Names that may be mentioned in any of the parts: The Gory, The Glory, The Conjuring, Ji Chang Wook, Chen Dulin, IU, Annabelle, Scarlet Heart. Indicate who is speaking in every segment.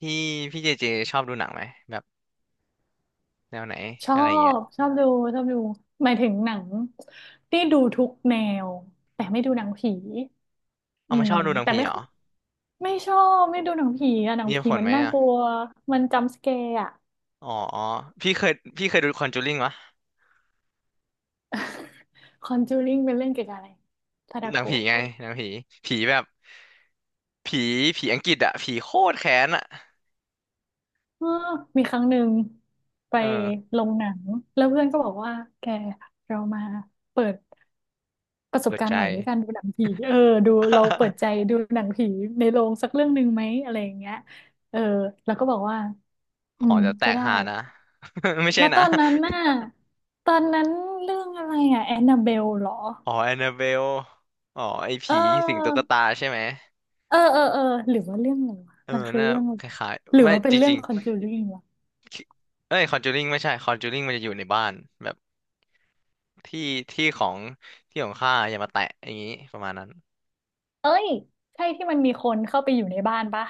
Speaker 1: พี่พี่เจเจชอบดูหนังไหมแบบแนวไหน
Speaker 2: ชอ
Speaker 1: อะไรเงี้ย
Speaker 2: บชอบดูชอบดูหมายถึงหนังที่ดูทุกแนวแต่ไม่ดูหนังผี
Speaker 1: เอา
Speaker 2: อื
Speaker 1: ไม่
Speaker 2: ม
Speaker 1: ชอบดูหนัง
Speaker 2: แต่
Speaker 1: ผี
Speaker 2: ไม่
Speaker 1: เหรอ
Speaker 2: ค่อยไม่ชอบไม่ดูหนังผีอะหนั
Speaker 1: มี
Speaker 2: ง
Speaker 1: เหตุ
Speaker 2: ผี
Speaker 1: ผล
Speaker 2: มัน
Speaker 1: ไหม
Speaker 2: น่า
Speaker 1: อ่ะ
Speaker 2: กลัวมันจัมป์สแกร์อะ
Speaker 1: อ๋อพี่เคยพี่เคยดูคอนจูริงวะ
Speaker 2: คอนจูริงเป็นเรื่องเกี่ยวกับอะไรทาดา
Speaker 1: หนังผี
Speaker 2: โกะ
Speaker 1: ไงหนังผีผีแบบผีผีอังกฤษอะผีโคตรแค้นอะ
Speaker 2: เออมีครั้งหนึ่งไป
Speaker 1: เออ
Speaker 2: ลงหนังแล้วเพื่อนก็บอกว่าแกเรามาเปิดประสบ
Speaker 1: เปิด
Speaker 2: การ
Speaker 1: ใจ
Speaker 2: ณ์ใหม่ด้วยกันดูหนังผีเออดูเราเปิดใจ ดูหนังผีในโรงสักเรื่องหนึ่งไหมอะไรอย่างเงี้ยเออแล้วก็บอกว่า
Speaker 1: ห
Speaker 2: อื
Speaker 1: อ
Speaker 2: ม
Speaker 1: จะแต
Speaker 2: ก็
Speaker 1: ก
Speaker 2: ได้
Speaker 1: หานะ ไม่ใช่
Speaker 2: แล้วต
Speaker 1: นะ
Speaker 2: อนนั้นน่ะตอนนั้นเรื่องอะไรอ่ะแอนนาเบลเหรอ
Speaker 1: อ๋อแอนนาเบลอ๋อไอ
Speaker 2: เ
Speaker 1: ผีสิงตุ๊ก
Speaker 2: ออ
Speaker 1: ตาใช่ไหม
Speaker 2: เออเออเออหรือว่าเรื่องอะไรวะ
Speaker 1: เออ
Speaker 2: มันคือ
Speaker 1: น่า
Speaker 2: เรื่องอะ
Speaker 1: ค
Speaker 2: ไร
Speaker 1: ล้าย
Speaker 2: หรื
Speaker 1: ๆ
Speaker 2: อ
Speaker 1: ไม่
Speaker 2: ว่าเป็
Speaker 1: จ
Speaker 2: นเรื่อง
Speaker 1: ริง
Speaker 2: คอนจูริงวะ
Speaker 1: ๆเอ้ยคอนจูริงไม่ใช่คอนจูริงมันจะอยู่ในบ้านแบบ ที่ที่ของที่ของข้าอย่ามาแตะอย่างนี้ประมาณนั้น
Speaker 2: เอ้ยใช่ที่มันมีคนเข้าไปอยู่ในบ้านปะ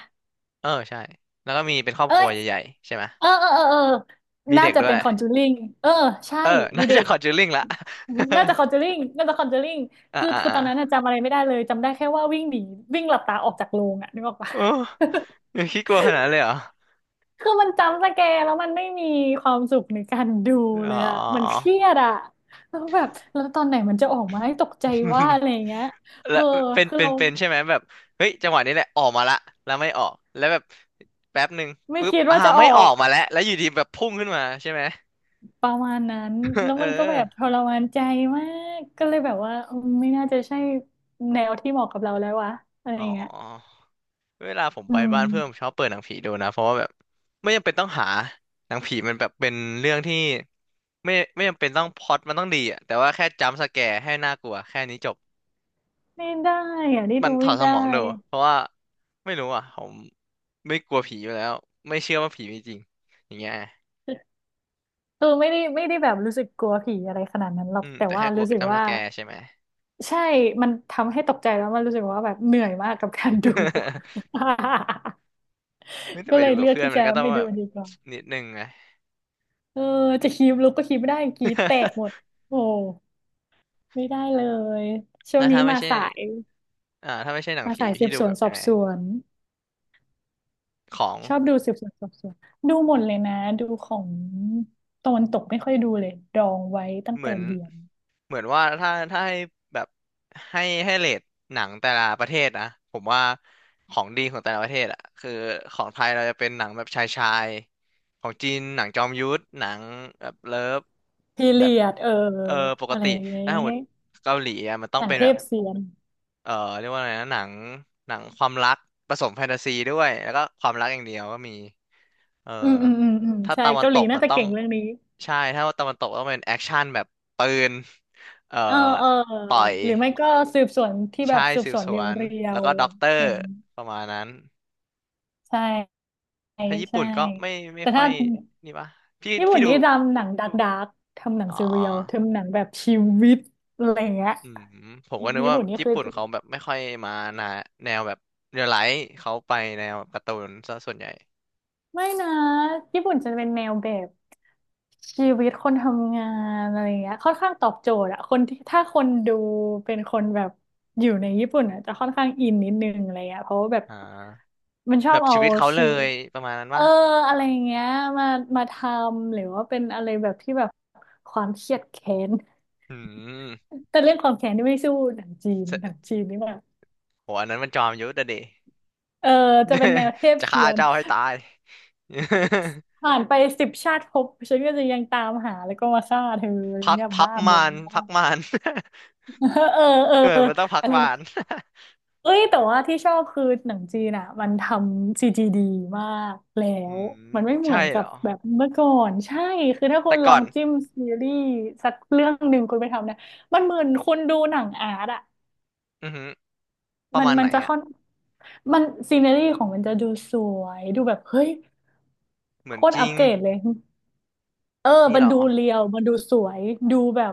Speaker 1: เออใช่แล้วก็มีเป็นครอบ
Speaker 2: เอ้
Speaker 1: ครั
Speaker 2: ย
Speaker 1: วใหญ่ๆใช่ไหม
Speaker 2: เออเออเออเออ
Speaker 1: มี
Speaker 2: น่า
Speaker 1: เด็ก
Speaker 2: จะ
Speaker 1: ด้
Speaker 2: เป็
Speaker 1: ว
Speaker 2: น
Speaker 1: ย
Speaker 2: คอนจูริงเออใช่
Speaker 1: เออ
Speaker 2: มี
Speaker 1: น่า
Speaker 2: เด็
Speaker 1: จะ
Speaker 2: ก
Speaker 1: คอนจูริงละ
Speaker 2: น่าจะคอนเจอริงน่าจะคอนเจอริง
Speaker 1: อ่า
Speaker 2: คือ
Speaker 1: อ่า
Speaker 2: คือ
Speaker 1: อ่า
Speaker 2: ตอนนั้นน่ะจำอะไรไม่ได้เลยจำได้แค่ว่าวิ่งหนีวิ่งหลับตาออกจากโรงอะนึกออกปะ
Speaker 1: โอ้ยังคิดกลัวขนาดนั้นเลยเหรอ
Speaker 2: คือมันจำสแกร์แล้วมันไม่มีความสุขในการดูเล
Speaker 1: อ๋อ
Speaker 2: ยอะมันเครียดอะแล้วตอนไหนมันจะออกมาให้ตกใจว่าอะ ไรอย่างเงี้ยเอ
Speaker 1: แล้
Speaker 2: อ
Speaker 1: วเป็น
Speaker 2: คือ
Speaker 1: เป็น
Speaker 2: เรา
Speaker 1: เป็นใช่ไหมแบบเฮ้ยจังหวะนี้แหละออกมาละแล้วไม่ออกแล้วแบบแป๊บหนึ่ง
Speaker 2: ไม่
Speaker 1: ปุ๊บ
Speaker 2: คิดว่าจะอ
Speaker 1: ไม่
Speaker 2: อ
Speaker 1: ออ
Speaker 2: ก
Speaker 1: กมาแล้วแล้วอยู่ดีแบบพุ่งขึ้นมาใช่ไหม
Speaker 2: ประมาณนั้นแล้ว
Speaker 1: เออ
Speaker 2: มันก็แบบทรมานใจมากก็เลยแบบว่าเออไม่น่าจะใช่แนวที่เหมาะกับเราแล้ววะอะไร
Speaker 1: อ๋
Speaker 2: อ
Speaker 1: อ
Speaker 2: ย่างเงี้ย
Speaker 1: เวลาผม
Speaker 2: อื
Speaker 1: ไปบ้านเพื่อนผม
Speaker 2: ม
Speaker 1: ชอบเปิดหนังผีดูนะเพราะว่าแบบไม่จำเป็นต้องหาหนังผีมันแบบเป็นเรื่องที่ไม่จำเป็นต้องพล็อตมันต้องดีอะแต่ว่าแค่จัมป์สแกร์ให้น่ากลัวแค่นี้จบ
Speaker 2: ไม่ได้อะนี่
Speaker 1: มั
Speaker 2: ดู
Speaker 1: นถอ
Speaker 2: ไม่
Speaker 1: ดส
Speaker 2: ได้
Speaker 1: มองดูเพราะว่าไม่รู้อ่ะผมไม่กลัวผีอยู่แล้วไม่เชื่อว่าผีมีจริงอย่างเงี้ย
Speaker 2: คือไม่ได้แบบรู้สึกกลัวผีอะไรขนาดนั้นหรอ
Speaker 1: อื
Speaker 2: ก
Speaker 1: ม
Speaker 2: แต่
Speaker 1: แต่
Speaker 2: ว่า
Speaker 1: แค่กลัว
Speaker 2: รู้
Speaker 1: กั
Speaker 2: สึ
Speaker 1: บ
Speaker 2: ก
Speaker 1: จัมป์ส
Speaker 2: ว่า
Speaker 1: แกร์ใช่ไหม
Speaker 2: ใช่มันทำให้ตกใจแล้วมันรู้สึกว่าแบบเหนื่อยมากกับการดู
Speaker 1: ไม่แต่
Speaker 2: ก็
Speaker 1: ไป
Speaker 2: เล
Speaker 1: ดู
Speaker 2: ย
Speaker 1: กับ
Speaker 2: เลือก
Speaker 1: เพื่อน
Speaker 2: ที่
Speaker 1: มั
Speaker 2: จะ
Speaker 1: นก็ต้อง
Speaker 2: ไม่
Speaker 1: แบ
Speaker 2: ดู
Speaker 1: บ
Speaker 2: ดีกว่า
Speaker 1: นิดนึงไง
Speaker 2: เออจะคีบลุกก็คีบไม่ได้กรีดแตกหมดโอ้ไม่ได้เลย ช่วง
Speaker 1: แล้ว
Speaker 2: นี้
Speaker 1: ถ้าไม่
Speaker 2: มา
Speaker 1: ใช่
Speaker 2: สาย
Speaker 1: อ่าถ้าไม่ใช่หนัง
Speaker 2: มา
Speaker 1: ผี
Speaker 2: สายสื
Speaker 1: พี่
Speaker 2: บ
Speaker 1: ดู
Speaker 2: สว
Speaker 1: แบ
Speaker 2: น
Speaker 1: บ
Speaker 2: ส
Speaker 1: ยั
Speaker 2: อ
Speaker 1: ง
Speaker 2: บ
Speaker 1: ไง
Speaker 2: สวน
Speaker 1: ของ
Speaker 2: ชอบดูสืบสวนสอบสวน ดูหมดเลยนะ ดูของตะวันตกไม่ค่อยดูเลย ดองไว้ตั้ง
Speaker 1: เหมื
Speaker 2: แต่
Speaker 1: อน
Speaker 2: เรียน
Speaker 1: เหมือนว่าถ้าให้แบบให้เรทหนังแต่ละประเทศนะผมว่าของดีของแต่ละประเทศอะคือของไทยเราจะเป็นหนังแบบชายชายของจีนหนังจอมยุทธหนังแบบเลิฟ
Speaker 2: พี
Speaker 1: แบ
Speaker 2: เรี
Speaker 1: บ
Speaker 2: ยดเออ
Speaker 1: เออปก
Speaker 2: อะไร
Speaker 1: ติ
Speaker 2: อย่างเงี้
Speaker 1: ถ้าสมม
Speaker 2: ย
Speaker 1: ติเกาหลีอะมันต้อ
Speaker 2: ห
Speaker 1: ง
Speaker 2: นัง
Speaker 1: เป็น
Speaker 2: เท
Speaker 1: แบบ
Speaker 2: พเสียน
Speaker 1: เอ่อเรียกว่าอะไรนะหนังหนังความรักผสมแฟนตาซีด้วยแล้วก็ความรักอย่างเดียวก็มีเออ
Speaker 2: อืม
Speaker 1: ถ้า
Speaker 2: ใช่
Speaker 1: ตะวัน
Speaker 2: เกา
Speaker 1: ต
Speaker 2: หลี
Speaker 1: ก
Speaker 2: น่า
Speaker 1: มัน
Speaker 2: จะ
Speaker 1: ต้อง
Speaker 2: เก่งเรื่องนี้
Speaker 1: ใช่ถ้าตะวันตกต้องเป็นแอคชั่นแบบปืนเอ่อ
Speaker 2: เออเออ
Speaker 1: ต่อย
Speaker 2: หรือไม่ก็สืบสวนที่แบ
Speaker 1: ใช่
Speaker 2: บสืบ
Speaker 1: สื
Speaker 2: ส
Speaker 1: บ
Speaker 2: วน
Speaker 1: ส
Speaker 2: เร
Speaker 1: วน
Speaker 2: ีย
Speaker 1: แล้ว
Speaker 2: ว
Speaker 1: ก็ด็อกเต
Speaker 2: ๆ
Speaker 1: อ
Speaker 2: อะไร
Speaker 1: ร์
Speaker 2: อย่างนี้
Speaker 1: ประมาณนั้น
Speaker 2: ใช่
Speaker 1: ถ้าญี่
Speaker 2: ใช่
Speaker 1: ปุ่นก็ไม่ไม่
Speaker 2: แต่
Speaker 1: ค่อ
Speaker 2: ถ้า
Speaker 1: ยนี่ปะพี่
Speaker 2: ญี่ปุ่
Speaker 1: พี่
Speaker 2: น
Speaker 1: ดู
Speaker 2: นี่ทำหนังดาร์กดากทำหนัง
Speaker 1: อ๋อ
Speaker 2: ซีเรียลทำหนังแบบชีวิตอะไรอย่างเงี้ย
Speaker 1: อืมผมก็นึก
Speaker 2: ญี่
Speaker 1: ว่า
Speaker 2: ปุ่นนี่
Speaker 1: ญี่
Speaker 2: คือ
Speaker 1: ปุ่นเขาแบบไม่ค่อยมานะแนวแบบเรียลไลท์เขาไปแนวแบบการ์ตูนซะส่วนใหญ่
Speaker 2: ไม่นะญี่ปุ่นจะเป็นแนวแบบชีวิตคนทำงานอะไรเงี้ยค่อนข้างตอบโจทย์อะคนที่ถ้าคนดูเป็นคนแบบอยู่ในญี่ปุ่นอะจะค่อนข้างอินนิดนึงอะไรเงี้ยเพราะว่าแบบ
Speaker 1: อ่า
Speaker 2: มันช
Speaker 1: แบ
Speaker 2: อบ
Speaker 1: บ
Speaker 2: เอา
Speaker 1: ชีวิตเขาเล
Speaker 2: ชีวิ
Speaker 1: ย
Speaker 2: ต
Speaker 1: ประมาณนั้น
Speaker 2: เอ
Speaker 1: วะ
Speaker 2: ออะไรอย่างเงี้ยมามาทำหรือว่าเป็นอะไรแบบที่แบบความเครียดแค้น
Speaker 1: อืม
Speaker 2: แต่เรื่องความแค้นนี่ไม่สู้หนังจีนนี่แบบ
Speaker 1: โหอันนั้นมันจอมยุทธอะเด
Speaker 2: เออจะเป็นแนวเทพ
Speaker 1: จะ
Speaker 2: เซี
Speaker 1: ฆ่า
Speaker 2: ยน
Speaker 1: เจ้าให้ตาย
Speaker 2: ผ่านไป10 ชาติภพฉันก็จะยังตามหาแล้วก็มาฆ่าเธออย่าง
Speaker 1: พัก
Speaker 2: เงี้ย
Speaker 1: พัก
Speaker 2: บ้าบ
Speaker 1: มา
Speaker 2: ง
Speaker 1: ร
Speaker 2: บ้า
Speaker 1: พักมาร
Speaker 2: เออเออ
Speaker 1: เออ
Speaker 2: อ
Speaker 1: มันต้องพัก
Speaker 2: อะไร
Speaker 1: มาร
Speaker 2: เอ้ยแต่ว่าที่ชอบคือหนังจีนอ่ะมันทำซีจีดีมากแล้
Speaker 1: อื
Speaker 2: ว
Speaker 1: ม
Speaker 2: มันไม่เหมื
Speaker 1: ใช่
Speaker 2: อนกั
Speaker 1: เหร
Speaker 2: บ
Speaker 1: อ
Speaker 2: แบบเมื่อก่อนใช่คือถ้าคุ
Speaker 1: แต่
Speaker 2: ณลอ
Speaker 1: ก่อ
Speaker 2: ง
Speaker 1: น
Speaker 2: จิ้มซีรีส์สักเรื่องหนึ่งคุณไปทำนะมันเหมือนคุณดูหนังอาร์ตอ่ะ
Speaker 1: อือหือประ
Speaker 2: มัน
Speaker 1: มาณไห
Speaker 2: มั
Speaker 1: น
Speaker 2: นจะ
Speaker 1: อ่ะ
Speaker 2: ค่อนมันซีเนรี่ของมันจะดูสวยดูแบบเฮ้ย
Speaker 1: เหมื
Speaker 2: โค
Speaker 1: อน
Speaker 2: ตร
Speaker 1: จริ
Speaker 2: อัป
Speaker 1: ง
Speaker 2: เกรดเลยเออ
Speaker 1: นี่
Speaker 2: มั
Speaker 1: เห
Speaker 2: น
Speaker 1: รอ
Speaker 2: ดูเรียวมันดูสวยดูแบบ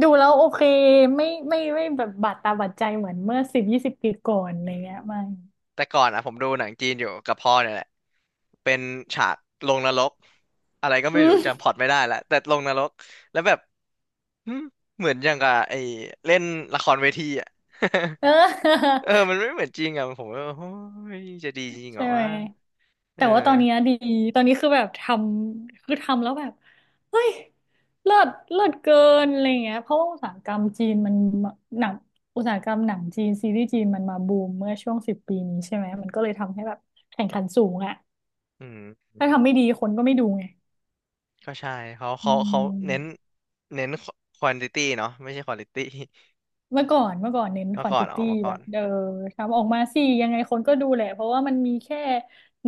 Speaker 2: ดูแล้วโอเคไม่แบบบาดตาบาดใจเหมือนเมื่อ10-20 ปีก่อนอะ
Speaker 1: อื
Speaker 2: ไร
Speaker 1: ม
Speaker 2: เงี้ยไม่
Speaker 1: แต่ก่อนอ่ะผมดูหนังจีนอยู่กับพ่อเนี่ยแหละเป็นฉากลงนรกอะไรก็
Speaker 2: อื
Speaker 1: ไม่รู้
Speaker 2: ม
Speaker 1: จำพล็อตไม่ได้ละแต่ลงนรกแล้วแบบ หึเหมือนอย่างกับไอ้เล่นละครเวทีอ่ะ
Speaker 2: เออ
Speaker 1: เออมันไม่เหมือนจริงอ่ะผมว่าโอ้ยจะดีจริงเหร
Speaker 2: ใช่
Speaker 1: อ
Speaker 2: ไหม
Speaker 1: วะเอ
Speaker 2: แต่
Speaker 1: อ
Speaker 2: ว่าตอนเนี้ยดีตอนนี้คือแบบทำคือทำแล้วแบบเฮ้ยเลิศเกินอะไรเงี้ยเพราะว่าอุตสาหกรรมจีนมันมาหนังอุตสาหกรรมหนังจีนซีรีส์จีนมันมาบูมเมื่อช่วงสิบปีนี้ใช่ไหมมันก็เลยทำให้แบบแข่งขันสูงอะ
Speaker 1: อืม
Speaker 2: ถ้าทำไม่ดีคนก็ไม่ดูไง
Speaker 1: ก็ใช่เขา
Speaker 2: อื
Speaker 1: เขาเขา
Speaker 2: ม
Speaker 1: เน้นเน้นควอนติตี้เนาะไม่ใช่ควอลิตี้
Speaker 2: เมื่อก่อนเน้นค
Speaker 1: มา
Speaker 2: วอน
Speaker 1: ก่อ
Speaker 2: ติ
Speaker 1: นออ
Speaker 2: ตี้
Speaker 1: กมา
Speaker 2: แบ
Speaker 1: ก่อ
Speaker 2: บ
Speaker 1: น
Speaker 2: เออทำออกมาสิยังไงคนก็ดูแหละเพราะว่ามันมีแค่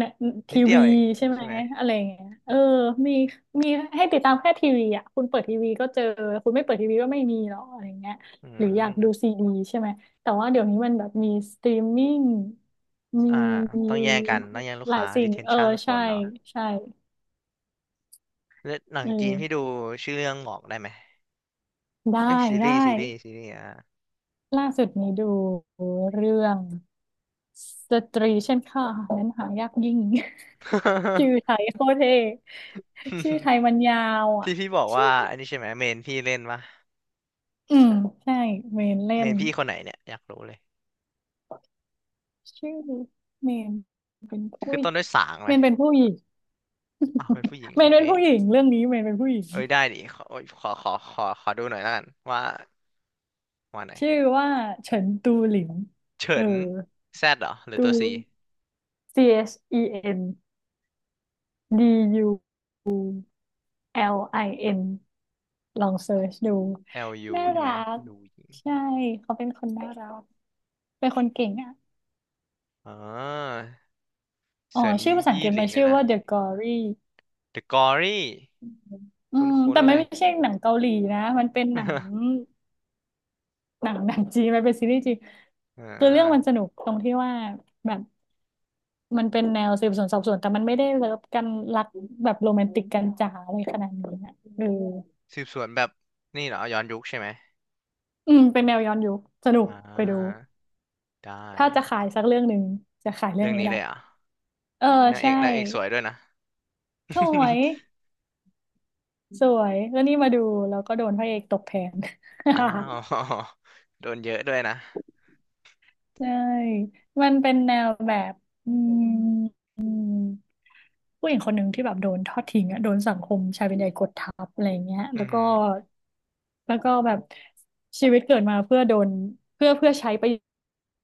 Speaker 2: นะ
Speaker 1: นิ
Speaker 2: ที
Speaker 1: ดเดีย
Speaker 2: วี
Speaker 1: วเอง
Speaker 2: ใช่ไหม
Speaker 1: ใช่ไหม
Speaker 2: อะไรอย่างเงี้ยเออมีมีให้ติดตามแค่ทีวีอ่ะคุณเปิดทีวีก็เจอคุณไม่เปิดทีวีก็ไม่มีหรอกอะไรอย่างเงี้ย
Speaker 1: อื
Speaker 2: หรืออยากดูซี
Speaker 1: ม
Speaker 2: ดีใช่ไหมแต่ว่าเดี๋ยวนี้มันแบบมีสตรีมมิ่งมี
Speaker 1: อ่า
Speaker 2: ม
Speaker 1: ต้องแย่งกันต้
Speaker 2: ี
Speaker 1: องแย่งลูก
Speaker 2: หลา
Speaker 1: ค้า
Speaker 2: ยสิ่งเออ
Speaker 1: retention ค
Speaker 2: ใช่
Speaker 1: นเนาะ
Speaker 2: ใช่
Speaker 1: แล้วหนัง
Speaker 2: เออ
Speaker 1: จีนพี่ดูชื่อเรื่องบอกได้ไหม
Speaker 2: ได้
Speaker 1: เอ้ยซี
Speaker 2: ได้
Speaker 1: รีส์ซีรีส์ซีรีส์อ่ะ
Speaker 2: ล่าสุดนี้ดูเรื่อง สตรีเช่นข้านั้นหายากยิ่ง ชื่อไทยโคตรเท่ชื่อไท ยมันยาวอ่ะ
Speaker 1: ที่พี่บอก
Speaker 2: ชื่อ
Speaker 1: ว่าอันนี้ใช่ไหมเมนพี่เล่นปะ
Speaker 2: อืมใช่เมนเล่
Speaker 1: เม
Speaker 2: น
Speaker 1: นพี่คนไหนเนี่ย อยากรู้เลย
Speaker 2: ชื่อเมนเป็นผู้
Speaker 1: คือ
Speaker 2: หญิ
Speaker 1: ต้
Speaker 2: ง
Speaker 1: นด้วยสางไห
Speaker 2: เม
Speaker 1: ม
Speaker 2: นเป็นผู้หญิง
Speaker 1: อ้าวเป็นผู้หญิง
Speaker 2: เม
Speaker 1: โอ
Speaker 2: น
Speaker 1: เค
Speaker 2: เป็นผู้หญิงเรื่องนี้เมนเป็นผู้หญิง
Speaker 1: เอ้ยได้ดิขอโอ้ยขอดูหน่อยละกันว่าว่าไหน
Speaker 2: ชื่อว่าเฉินตูหลิน
Speaker 1: เฉิ
Speaker 2: เออ
Speaker 1: นแซดเหรอหรือ
Speaker 2: ตู
Speaker 1: ตัวซี
Speaker 2: Chendulin ลองเซิร์ชดู
Speaker 1: LU
Speaker 2: น่า
Speaker 1: ใช่ไห
Speaker 2: รั
Speaker 1: ม
Speaker 2: ก
Speaker 1: ดูหญิง
Speaker 2: ใช่เขาเป็นคนน่ารักเป็นคนเก่งอ่ะ
Speaker 1: อ๋อ
Speaker 2: อ๋อ
Speaker 1: เฉิน
Speaker 2: ชื่อภาษาอัง
Speaker 1: ยี่
Speaker 2: กฤษ
Speaker 1: หลิ
Speaker 2: มั
Speaker 1: ง
Speaker 2: น
Speaker 1: เนี่
Speaker 2: ชื่
Speaker 1: ย
Speaker 2: อ
Speaker 1: นะ
Speaker 2: ว่า The Glory
Speaker 1: The Gory
Speaker 2: อืมอืม
Speaker 1: คุ้น
Speaker 2: แต่
Speaker 1: ๆ
Speaker 2: ไม่
Speaker 1: เลย
Speaker 2: ไม่ใช่หนังเกาหลีนะมันเป็นหนัง หนังจีนมันเป็นซีรีส์จีน
Speaker 1: อ่
Speaker 2: คือเรื่องมัน
Speaker 1: า
Speaker 2: สนุกตรงที่ว่าแบบมันเป็นแนวสืบสวนสอบสวนแต่มันไม่ได้เลิฟกันรักแบบโรแมนติกกันจ๋าอะไรขนาดนี้นะเออ
Speaker 1: สืบสวนแบบนี่เหรอย้อนยุคใช่ไหม
Speaker 2: อืมเป็นแนวย้อนยุคสนุก
Speaker 1: อ่
Speaker 2: ไปดู
Speaker 1: าได้
Speaker 2: ถ้าจะขายสักเรื่องหนึ่งจะขายเรื่
Speaker 1: เรื่
Speaker 2: อง
Speaker 1: อง
Speaker 2: นี้
Speaker 1: นี้
Speaker 2: แห
Speaker 1: เล
Speaker 2: ละ
Speaker 1: ยเหรอ่ะ
Speaker 2: เออ
Speaker 1: นางเอ
Speaker 2: ใช่
Speaker 1: กนางเอกสวยด้วยนะ
Speaker 2: สวยสวยแล้วนี่มาดูแล้วก็โดนพระเอกตกแผน
Speaker 1: อ้าว โดนเยอะด้วยนะ
Speaker 2: ใช่มันเป็นแนวแบบอืมอืมผู้หญิงคนหนึ่งที่แบบโดนทอดทิ้งอะโดนสังคมชายเป็นใหญ่กดทับอะไรเงี้ย
Speaker 1: อื
Speaker 2: แล้
Speaker 1: อ
Speaker 2: ว
Speaker 1: หื
Speaker 2: ก็
Speaker 1: อ
Speaker 2: แล้วก็แบบชีวิตเกิดมาเพื่อโดนเพื่อใช้ประ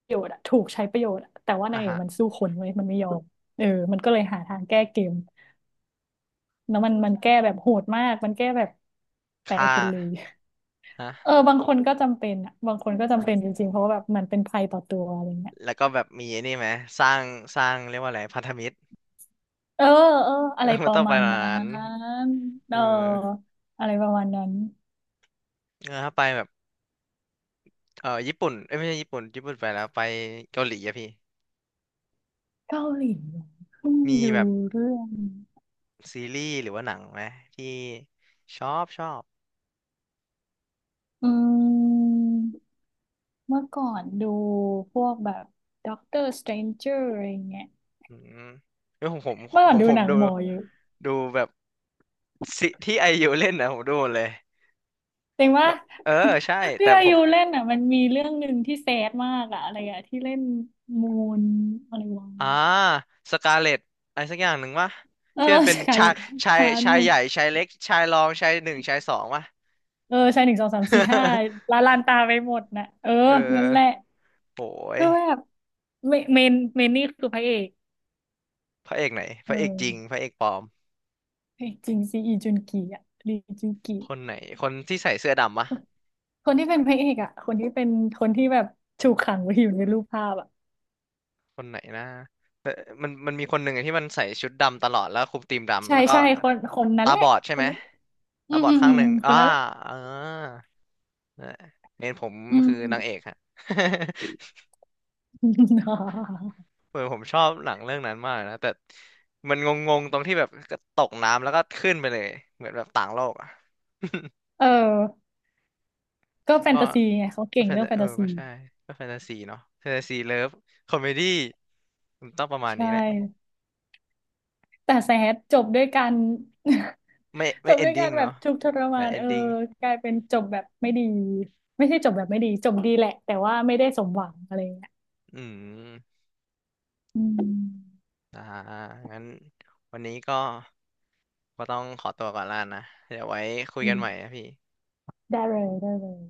Speaker 2: โยชน์อะถูกใช้ประโยชน์อะแต่ว่านา
Speaker 1: อ่ะ
Speaker 2: งเอก
Speaker 1: ฮะ
Speaker 2: มันสู้คนไว้ยมันไม่ยอมเออมันก็เลยหาทางแก้เกมแล้วมันแก้แบบโหดมากมันแก้แบบตาย
Speaker 1: ค่า
Speaker 2: ไปเลย เออ
Speaker 1: ฮะ
Speaker 2: บางคนก็จำเป็นอะบางคนก็
Speaker 1: โ
Speaker 2: จำเป็นจริงๆเพราะ
Speaker 1: ห
Speaker 2: ว่าแบบมันเป็นภัยต่อตัวอะไรเงี้ย
Speaker 1: แล้วก็แบบมีไอ้นี่ไหม สร้าง สร้างเรียกว่าอะไร พันธมิตร
Speaker 2: เออเอออะไร ป
Speaker 1: มัน
Speaker 2: ระ
Speaker 1: ต้องไป
Speaker 2: มาณ
Speaker 1: แบบ
Speaker 2: นั้
Speaker 1: นั้น
Speaker 2: นเอ
Speaker 1: เอ
Speaker 2: อ
Speaker 1: อ
Speaker 2: อะไรประมาณนั้น
Speaker 1: เออถ้าไปแบบ เออญี่ปุ่นเอ้ยไม่ใช่ญี่ปุ่นญี่ปุ่นไปแล้ว ไปเกาหลีอะพี่
Speaker 2: เกาหลีเหรอเพิ่ง
Speaker 1: มี
Speaker 2: ดู
Speaker 1: แบบ
Speaker 2: เรื่อง
Speaker 1: ซีรีส์หรือว่าหนังไหมที่ชอบชอบ
Speaker 2: อืมเมื่อก่อนดูพวกแบบด็อกเตอร์สเตรนเจอร์อะไรเงี้ย
Speaker 1: อืมเออผมผม
Speaker 2: เมื่อก่
Speaker 1: ผ
Speaker 2: อน
Speaker 1: ม
Speaker 2: ดู
Speaker 1: ผม
Speaker 2: หนัง
Speaker 1: ดู
Speaker 2: หมออยู่
Speaker 1: ดูแบบสิที่ไอยูเล่นนะผมดูหมดเลย
Speaker 2: จริงว่า
Speaker 1: แล้วเออ ใช่ แต่
Speaker 2: พี่อา
Speaker 1: ผ
Speaker 2: ยุ
Speaker 1: ม
Speaker 2: เล่นอ่ะมันมีเรื่องหนึ่งที่แซดมากอ่ะอะไรอ่ะที่เล่นมูนอะไรวะ
Speaker 1: อ่าสกาเลตอะไรสักอย่างหนึ่งวะ
Speaker 2: เออ
Speaker 1: ที่มันเป็
Speaker 2: ส
Speaker 1: น
Speaker 2: การ์
Speaker 1: ชา
Speaker 2: เล็
Speaker 1: ย
Speaker 2: ต
Speaker 1: ชาย
Speaker 2: ฮาร์ t
Speaker 1: ชาย
Speaker 2: มู
Speaker 1: ให
Speaker 2: น
Speaker 1: ญ่ชายเล็กชายรองชายหนึ่งชายสองวะ
Speaker 2: เออใช่หนึ่งสองสามสี่ห้า ละลานตาไปหมดนะเออ
Speaker 1: เออ
Speaker 2: นั่นแหละ
Speaker 1: โหย
Speaker 2: ก็แบบเมนเมนนี่คือพระเอก
Speaker 1: พระเอกไหนพ
Speaker 2: เ
Speaker 1: ระเอกจริง
Speaker 2: ออ
Speaker 1: พระเอกปลอม
Speaker 2: เฮ้ยจริงซีอีจุนกีอ่ะรีจุนกี
Speaker 1: คนไหนคนที่ใส่เสื้อดำวะ
Speaker 2: คนคนที่เป็นพระเอกอ่ะคนที่เป็นคนที่แบบถูกขังไว้อยู่ในรูปภาพอ่ะ
Speaker 1: คนไหนนะเออมันมีคนหนึ่งอะที่มันใส่ชุดดำตลอดแล้วคลุมธีมดำ
Speaker 2: ใช่
Speaker 1: แล้วก็
Speaker 2: ใช่คนนั้น
Speaker 1: ตา
Speaker 2: แห
Speaker 1: บ
Speaker 2: ละ
Speaker 1: อดใช่
Speaker 2: ค
Speaker 1: ไห
Speaker 2: น
Speaker 1: ม
Speaker 2: นั้นอื
Speaker 1: ตา
Speaker 2: ม
Speaker 1: บอ
Speaker 2: อื
Speaker 1: ด
Speaker 2: ม
Speaker 1: ข้า
Speaker 2: อื
Speaker 1: งห
Speaker 2: ม
Speaker 1: นึ่ง
Speaker 2: ค
Speaker 1: อ่า
Speaker 2: นนั้นแหละ
Speaker 1: เออเมนผม
Speaker 2: อืม
Speaker 1: คือนางเอกฮะ เหมือนผมชอบหนังเรื่องนั้นมากนะแต่มันงงๆตรงที่แบบก็ตกน้ำแล้วก็ขึ้นไปเลยเหมือนแบบต่างโลกอ่ะ
Speaker 2: เออก็ แฟน
Speaker 1: ก็
Speaker 2: ตาซีไงเขา
Speaker 1: ก็
Speaker 2: เก่ง
Speaker 1: แฟน
Speaker 2: เรื่อ
Speaker 1: ตา
Speaker 2: งแฟ
Speaker 1: เอ
Speaker 2: น
Speaker 1: อ
Speaker 2: ตาซี
Speaker 1: ก็ใช่ก็แฟนตาซีเนาะแฟนตาซีเลิฟคอมเมดี้มันต้องประมาณ
Speaker 2: ใช่
Speaker 1: นี้แหละ
Speaker 2: แต่แซดจบด้วยกัน
Speaker 1: ไม่
Speaker 2: จ
Speaker 1: ไม่
Speaker 2: บ
Speaker 1: เอ
Speaker 2: ด้
Speaker 1: น
Speaker 2: วย
Speaker 1: ดิ้
Speaker 2: กา
Speaker 1: ง
Speaker 2: รแบบ
Speaker 1: เนาะ
Speaker 2: ทุกข์ทร
Speaker 1: แต่
Speaker 2: มาน
Speaker 1: เอ
Speaker 2: เอ
Speaker 1: น
Speaker 2: อ
Speaker 1: ดิ้ง
Speaker 2: กลายเป็นจบแบบไม่ดีไม่ใช่จบแบบไม่ดีจบดีแหละแต่ว่าไม่ได้สมหวังอะไรอย่างเงี้ย
Speaker 1: อืม
Speaker 2: อืม
Speaker 1: อ่างั้นวันนี้ก็ก็ต้องขอตัวก่อนละนะเดี๋ยวไว้คุย
Speaker 2: อื
Speaker 1: กันใหม่
Speaker 2: ม
Speaker 1: นะพี่
Speaker 2: ได้เลยได้เลย